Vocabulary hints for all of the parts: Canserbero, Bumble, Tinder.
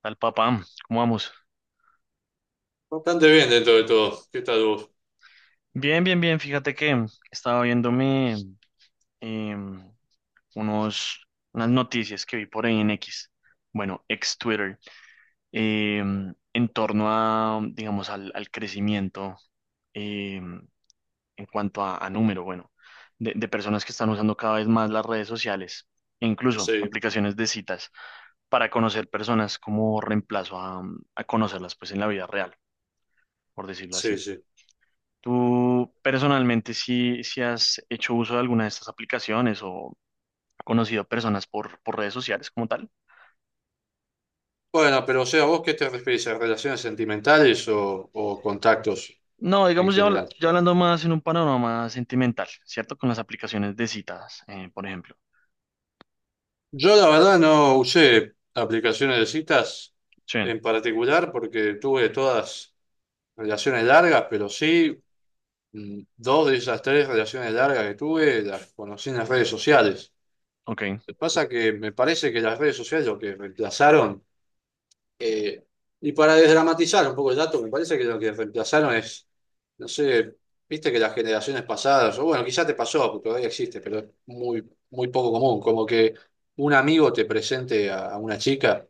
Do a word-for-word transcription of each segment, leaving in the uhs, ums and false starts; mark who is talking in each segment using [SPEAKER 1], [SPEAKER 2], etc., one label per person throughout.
[SPEAKER 1] Tal papá, ¿cómo vamos?
[SPEAKER 2] Bastante bien dentro de todo. ¿Qué tal vos?
[SPEAKER 1] Bien, bien, bien. Fíjate que estaba viéndome em, unos, unas noticias que vi por ahí en X, bueno, ex Twitter, em, en torno a, digamos, al, al crecimiento em, en cuanto a, a número, bueno, de, de personas que están usando cada vez más las redes sociales e incluso
[SPEAKER 2] Sí,
[SPEAKER 1] aplicaciones de citas para conocer personas como reemplazo a, a conocerlas pues en la vida real, por decirlo
[SPEAKER 2] sí,
[SPEAKER 1] así.
[SPEAKER 2] sí.
[SPEAKER 1] ¿Tú personalmente si, has hecho uso de alguna de estas aplicaciones o conocido personas por, por redes sociales como tal?
[SPEAKER 2] Bueno, pero o sea, ¿vos qué te referís a relaciones sentimentales o, o contactos
[SPEAKER 1] No,
[SPEAKER 2] en
[SPEAKER 1] digamos ya, habl-
[SPEAKER 2] general?
[SPEAKER 1] ya hablando más en un panorama sentimental, ¿cierto? Con las aplicaciones de citas, eh, por ejemplo.
[SPEAKER 2] Yo la verdad no usé aplicaciones de citas
[SPEAKER 1] Sí,
[SPEAKER 2] en particular porque tuve todas relaciones largas, pero sí, mm, dos de esas tres relaciones largas que tuve las conocí en las redes sociales.
[SPEAKER 1] ok,
[SPEAKER 2] Lo que Pasa es que me parece que las redes sociales lo que reemplazaron. Eh, y para desdramatizar un poco el dato, me parece que lo que reemplazaron es, no sé, viste que las generaciones pasadas, o bueno, quizás te pasó, porque todavía existe, pero es muy, muy poco común, como que un amigo te presente a, a una chica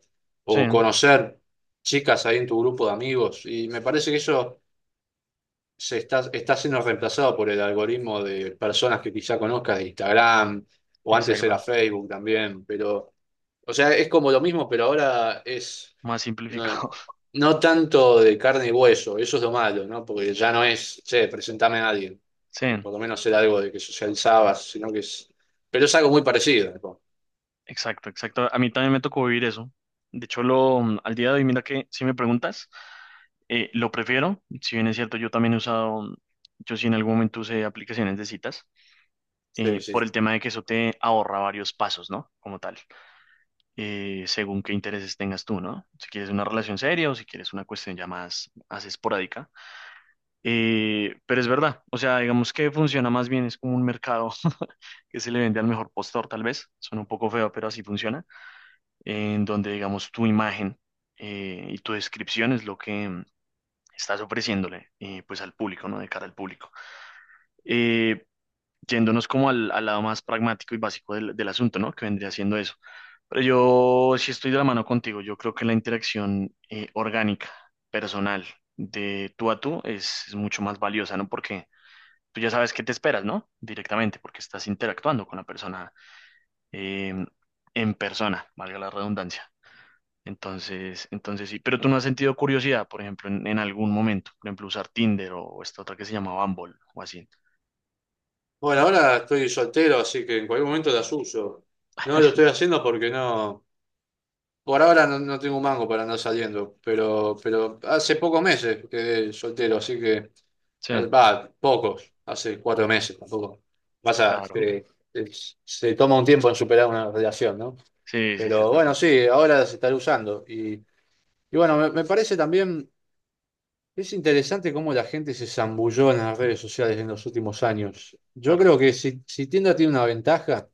[SPEAKER 1] sí,
[SPEAKER 2] o conocer chicas ahí en tu grupo de amigos. Y me parece que eso se está, está siendo reemplazado por el algoritmo de personas que quizá conozcas de Instagram o antes era
[SPEAKER 1] exacto,
[SPEAKER 2] Facebook también, pero, o sea, es como lo mismo, pero ahora es
[SPEAKER 1] más simplificado.
[SPEAKER 2] no, no tanto de carne y hueso, eso es lo malo, ¿no? Porque ya no es, che, presentame a alguien. Que
[SPEAKER 1] Sí,
[SPEAKER 2] Por lo menos era algo de que socializabas, sino que es. Pero es algo muy parecido, ¿no?
[SPEAKER 1] exacto, exacto. A mí también me tocó vivir eso. De hecho, lo, mm, al día de hoy, mira que si me preguntas, eh, lo prefiero. Si bien es cierto, yo también he usado, mm, yo sí en algún momento usé aplicaciones de citas.
[SPEAKER 2] Sí,
[SPEAKER 1] Eh,
[SPEAKER 2] sí.
[SPEAKER 1] por el tema de que eso te ahorra varios pasos, ¿no? Como tal, eh, según qué intereses tengas tú, ¿no? Si quieres una relación seria o si quieres una cuestión ya más, más esporádica. Eh, pero es verdad, o sea, digamos que funciona más bien, es como un mercado que se le vende al mejor postor, tal vez, suena un poco feo, pero así funciona, en donde, digamos, tu imagen eh, y tu descripción es lo que mm, estás ofreciéndole, eh, pues al público, ¿no? De cara al público. Eh, Yéndonos como al, al lado más pragmático y básico del, del asunto, ¿no? Que vendría siendo eso. Pero yo sí estoy de la mano contigo. Yo creo que la interacción eh, orgánica, personal, de tú a tú es, es mucho más valiosa, ¿no? Porque tú ya sabes qué te esperas, ¿no? Directamente, porque estás interactuando con la persona eh, en persona, valga la redundancia. Entonces, entonces sí. Pero tú no has sentido curiosidad, por ejemplo, en, en algún momento. Por ejemplo, usar Tinder o esta otra que se llama Bumble o así.
[SPEAKER 2] Bueno, ahora estoy soltero, así que en cualquier momento las uso. No lo estoy haciendo porque no. Por ahora no, no tengo un mango para andar saliendo, pero, pero hace pocos meses quedé soltero, así que.
[SPEAKER 1] Sí,
[SPEAKER 2] Va, pocos, hace cuatro meses tampoco. Pasa
[SPEAKER 1] claro.
[SPEAKER 2] que se se toma un tiempo en superar una relación, ¿no?
[SPEAKER 1] Sí, sí, sí, es
[SPEAKER 2] Pero
[SPEAKER 1] verdad.
[SPEAKER 2] bueno, sí, ahora se estará usando. Y, y bueno, me, me parece también, es interesante cómo la gente se zambulló en las redes sociales en los últimos años. Yo
[SPEAKER 1] Claro.
[SPEAKER 2] creo que si, si Tinder tiene una ventaja,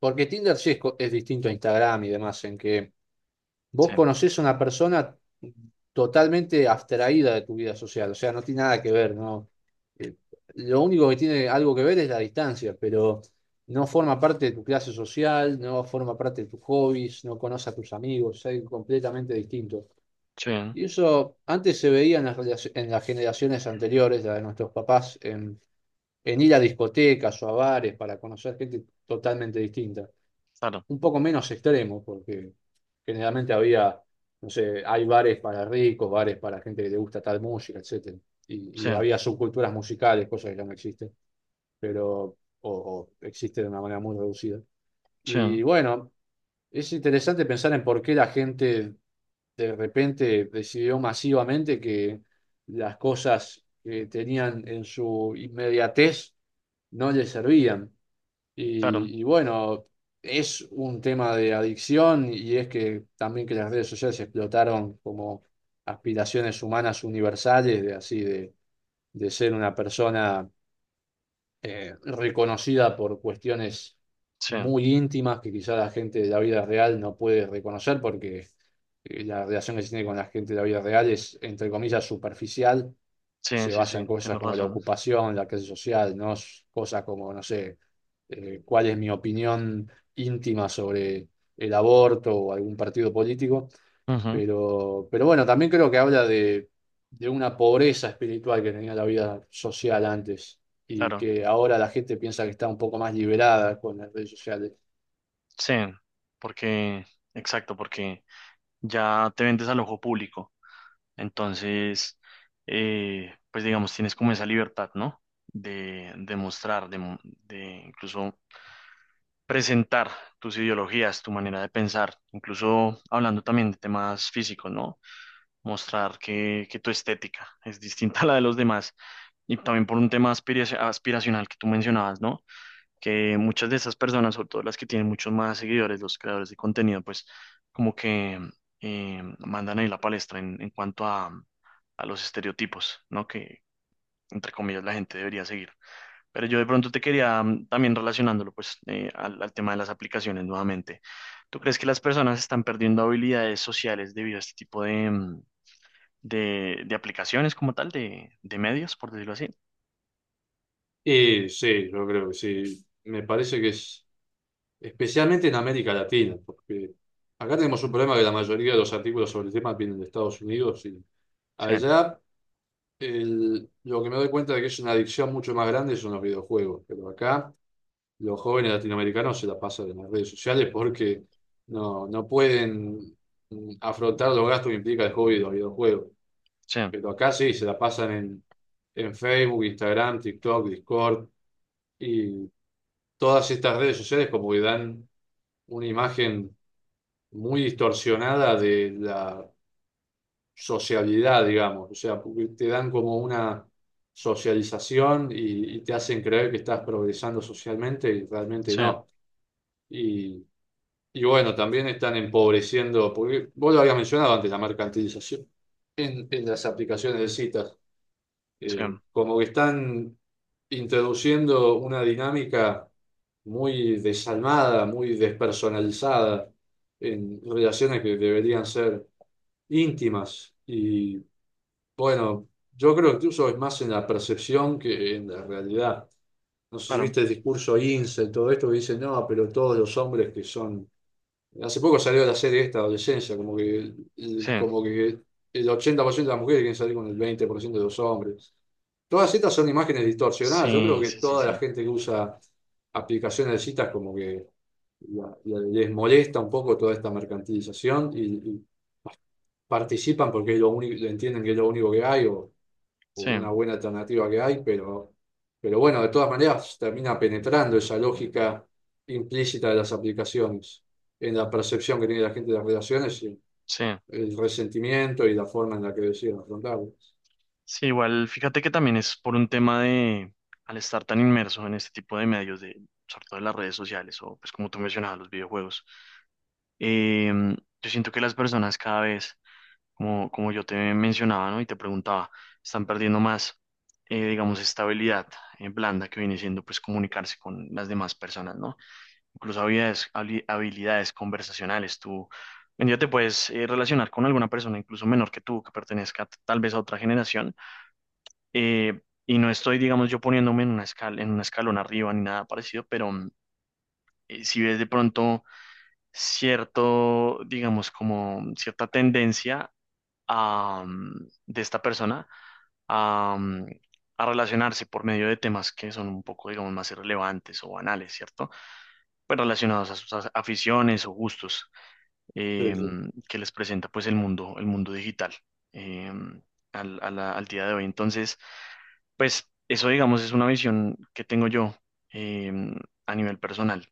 [SPEAKER 2] porque Tinder sí es, co- es distinto a Instagram y demás, en que
[SPEAKER 1] Sí,
[SPEAKER 2] vos conocés a una persona totalmente abstraída de tu vida social, o sea, no tiene nada que ver, ¿no? Eh, Lo único que tiene algo que ver es la distancia, pero no forma parte de tu clase social, no forma parte de tus hobbies, no conoce a tus amigos, es algo completamente distinto.
[SPEAKER 1] sí,
[SPEAKER 2] Y eso antes se veía en las, relaci- en las generaciones anteriores, la de nuestros papás, en, en ir a discotecas o a bares para conocer gente totalmente distinta,
[SPEAKER 1] claro,
[SPEAKER 2] un poco menos extremo, porque generalmente había, no sé, hay bares para ricos, bares para gente que le gusta tal música, etcétera. Y,
[SPEAKER 1] sí,
[SPEAKER 2] y había subculturas musicales, cosas que ya no existen, pero, o, o existen de una manera muy reducida.
[SPEAKER 1] sí,
[SPEAKER 2] Y bueno, es interesante pensar en por qué la gente de repente decidió masivamente que las cosas que tenían en su inmediatez no les servían.
[SPEAKER 1] claro,
[SPEAKER 2] Y, y bueno, es un tema de adicción y es que también que las redes sociales explotaron como aspiraciones humanas universales, de así, de, de ser una persona eh, reconocida por cuestiones
[SPEAKER 1] sí,
[SPEAKER 2] muy íntimas que quizá la gente de la vida real no puede reconocer porque eh, la relación que se tiene con la gente de la vida real es, entre comillas, superficial,
[SPEAKER 1] sí,
[SPEAKER 2] se
[SPEAKER 1] sí,
[SPEAKER 2] basa
[SPEAKER 1] sí,
[SPEAKER 2] en cosas
[SPEAKER 1] tienes
[SPEAKER 2] como la
[SPEAKER 1] razón.
[SPEAKER 2] ocupación, la clase social, no S- cosas como, no sé, eh, cuál es mi opinión íntima sobre el aborto o algún partido político.
[SPEAKER 1] Ujú,
[SPEAKER 2] Pero, pero bueno, también creo que habla de, de una pobreza espiritual que tenía la vida social antes y
[SPEAKER 1] claro,
[SPEAKER 2] que ahora la gente piensa que está un poco más liberada con las redes sociales.
[SPEAKER 1] sí, porque, exacto, porque ya te vendes al ojo público, entonces, eh, pues digamos, tienes como esa libertad, ¿no? De, de mostrar, de, mo- de incluso presentar tus ideologías, tu manera de pensar, incluso hablando también de temas físicos, ¿no? Mostrar que, que tu estética es distinta a la de los demás y también por un tema aspiraci- aspiracional que tú mencionabas, ¿no? Que muchas de esas personas, sobre todo las que tienen muchos más seguidores, los creadores de contenido, pues como que eh, mandan ahí la palestra en, en cuanto a, a los estereotipos, ¿no? Que entre comillas la gente debería seguir. Pero yo de pronto te quería mm, también relacionándolo pues eh, al, al tema de las aplicaciones nuevamente. ¿Tú crees que las personas están perdiendo habilidades sociales debido a este tipo de, mm, de, de aplicaciones como tal, de, de medios, por decirlo así?
[SPEAKER 2] Y sí, yo creo que sí. Me parece que es, especialmente en América Latina, porque acá tenemos un problema que la mayoría de los artículos sobre el tema vienen de Estados Unidos y
[SPEAKER 1] Sí,
[SPEAKER 2] allá el- lo que me doy cuenta de que es una adicción mucho más grande son los videojuegos, pero acá los jóvenes latinoamericanos se la pasan en las redes sociales porque no, no pueden mm, afrontar los gastos que implica el hobby de los videojuegos,
[SPEAKER 1] sí.
[SPEAKER 2] pero acá sí se la pasan en, en Facebook, Instagram, TikTok, Discord y todas estas redes sociales como que dan una imagen muy distorsionada de la sociabilidad, digamos. O sea, porque te dan como una socialización y, y te hacen creer que estás progresando socialmente y realmente
[SPEAKER 1] Sí,
[SPEAKER 2] no. Y, y bueno, también están empobreciendo, porque vos lo habías mencionado antes, la mercantilización en, en las aplicaciones de citas
[SPEAKER 1] sí,
[SPEAKER 2] eh, como que están introduciendo una dinámica muy desalmada, muy despersonalizada en relaciones que deberían ser íntimas. Y bueno, yo creo que incluso es más en la percepción que en la realidad. No sé si
[SPEAKER 1] claro,
[SPEAKER 2] viste el discurso incel, todo esto que dicen, no, pero todos los hombres que son. Hace poco salió la serie esta, Adolescencia, como que el,
[SPEAKER 1] sí,
[SPEAKER 2] el- como que el ochenta por ciento de las mujeres quieren salir con el veinte por ciento de los hombres. Todas estas son imágenes distorsionadas. Yo creo
[SPEAKER 1] sí,
[SPEAKER 2] que
[SPEAKER 1] sí, sí,
[SPEAKER 2] toda la
[SPEAKER 1] sí,
[SPEAKER 2] gente que usa aplicaciones de citas como que la- la- les molesta un poco toda esta mercantilización y, y participan porque es lo único, entienden que es lo único que hay o
[SPEAKER 1] sí,
[SPEAKER 2] una buena alternativa que hay, pero, pero bueno, de todas maneras termina penetrando esa lógica implícita de las aplicaciones en la percepción que tiene la gente de las relaciones y
[SPEAKER 1] sí,
[SPEAKER 2] el resentimiento y la forma en la que deciden afrontarlas.
[SPEAKER 1] sí, igual fíjate que también es por un tema de, al estar tan inmerso en este tipo de medios, de, sobre todo en las redes sociales o pues como tú mencionabas, los videojuegos, eh, yo siento que las personas cada vez, como, como yo te mencionaba, ¿no? Y te preguntaba, están perdiendo más, eh, digamos, esta habilidad eh, blanda que viene siendo pues comunicarse con las demás personas, ¿no? Incluso habilidades, habli- habilidades conversacionales. Tú un día te puedes eh, relacionar con alguna persona, incluso menor que tú, que pertenezca t- tal vez a otra generación. Eh, y no estoy, digamos, yo poniéndome en una escala, en un escalón arriba ni nada parecido, pero mm, eh, si ves de pronto cierto, digamos, como cierta tendencia am, de esta persona am, a relacionarse por medio de temas que son un poco, digamos, más irrelevantes o banales, ¿cierto? Pues relacionados a sus a- aficiones o gustos
[SPEAKER 2] Sí, sí.
[SPEAKER 1] em, que les presenta pues el mundo, el mundo digital em, al, a la- al día de hoy. Entonces, pues eso, digamos, es una visión que tengo yo em, a nivel personal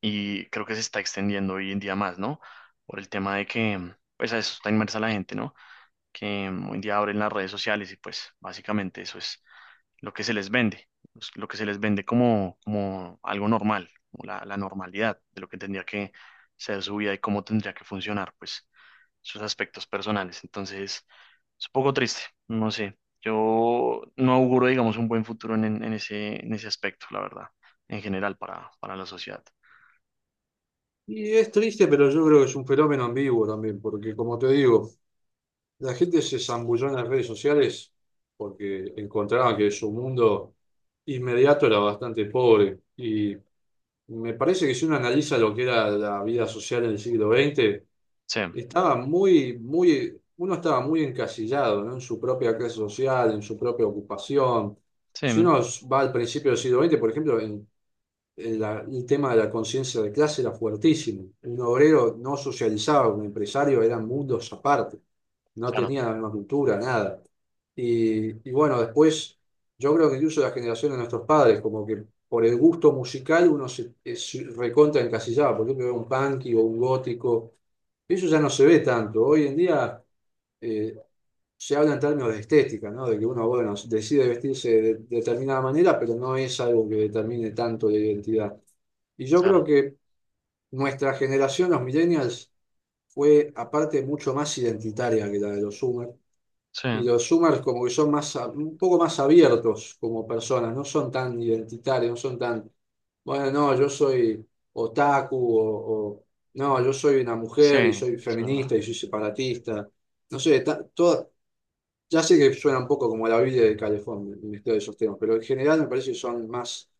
[SPEAKER 1] y creo que se está extendiendo hoy en día más, ¿no? Por el tema de que, pues a eso está inmersa la gente, ¿no? que mm, hoy en día abren las redes sociales y pues básicamente eso es lo que se les vende, pues, lo que se les vende como, como algo normal, como la, la normalidad de lo que tendría que ser su vida y cómo tendría que funcionar, pues sus aspectos personales. Entonces, es un poco triste, no sé. Yo no auguro, digamos, un buen futuro en, en- en ese, en ese aspecto, la verdad, en general para, para la sociedad.
[SPEAKER 2] Y es triste, pero yo creo que es un fenómeno ambiguo también, porque como te digo, la gente se zambulló en las redes sociales porque encontraban que su mundo inmediato era bastante pobre. Y me parece que si uno analiza lo que era la vida social en el siglo veinte,
[SPEAKER 1] Sí,
[SPEAKER 2] estaba muy, muy, uno estaba muy encasillado, ¿no? En su propia clase social, en su propia ocupación.
[SPEAKER 1] sí,
[SPEAKER 2] Si uno va al principio del siglo veinte, por ejemplo, en el, el tema de la conciencia de clase era fuertísimo. Un obrero no socializaba, un empresario eran mundos aparte, no
[SPEAKER 1] claro,
[SPEAKER 2] tenía la misma cultura, nada. Y, y bueno, después yo creo que incluso la generación de nuestros padres, como que por el gusto musical uno se, eh, se recontra encasillaba, por ejemplo, un punky o un gótico. Eso ya no se ve tanto. Hoy en día eh, se habla en términos de estética, ¿no? De que uno, bueno, decide vestirse de de determinada manera, pero no es algo que determine tanto la identidad. Y yo creo
[SPEAKER 1] claro,
[SPEAKER 2] que nuestra generación, los millennials, fue aparte mucho más identitaria que la de los Zoomers.
[SPEAKER 1] sí,
[SPEAKER 2] Y los Zoomers como que son más, a- un poco más abiertos como personas, no son tan identitarios, no son tan, bueno, no, yo soy otaku o, o, no, yo soy una
[SPEAKER 1] sí,
[SPEAKER 2] mujer y soy
[SPEAKER 1] es verdad,
[SPEAKER 2] feminista y soy separatista. No sé, ta- toda- ya sé que suena un poco como la Biblia de Calefón, el Ministerio de esos temas, pero en general me parece que son más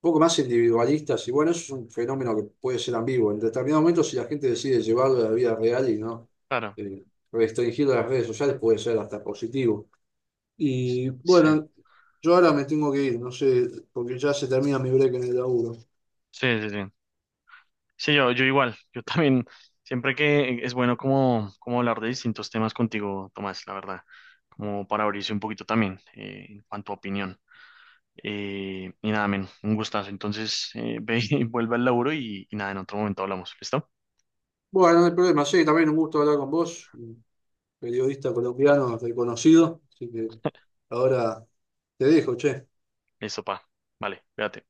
[SPEAKER 2] poco más individualistas, y bueno, eso es un fenómeno que puede ser ambiguo. En determinado momento, si la gente decide llevarlo a la vida real y no
[SPEAKER 1] claro,
[SPEAKER 2] eh, restringirlo a las redes sociales, puede ser hasta positivo. Y
[SPEAKER 1] sí.
[SPEAKER 2] bueno, yo ahora me tengo que ir, no sé, porque ya se termina mi break en el laburo.
[SPEAKER 1] Sí, sí, sí. Sí, yo, yo igual. Yo también, siempre que es bueno como, como hablar de distintos temas contigo, Tomás, la verdad, como para abrirse un poquito también eh, en cuanto a opinión. Eh, y nada, men, un gustazo. Entonces, eh, ve y vuelve al laburo y, y nada, en otro momento hablamos. ¿Listo?
[SPEAKER 2] Bueno, no hay problema, sí, también un gusto hablar con vos, un periodista colombiano reconocido, así que ahora te dejo, che.
[SPEAKER 1] Listo, pa. Vale, cuídate.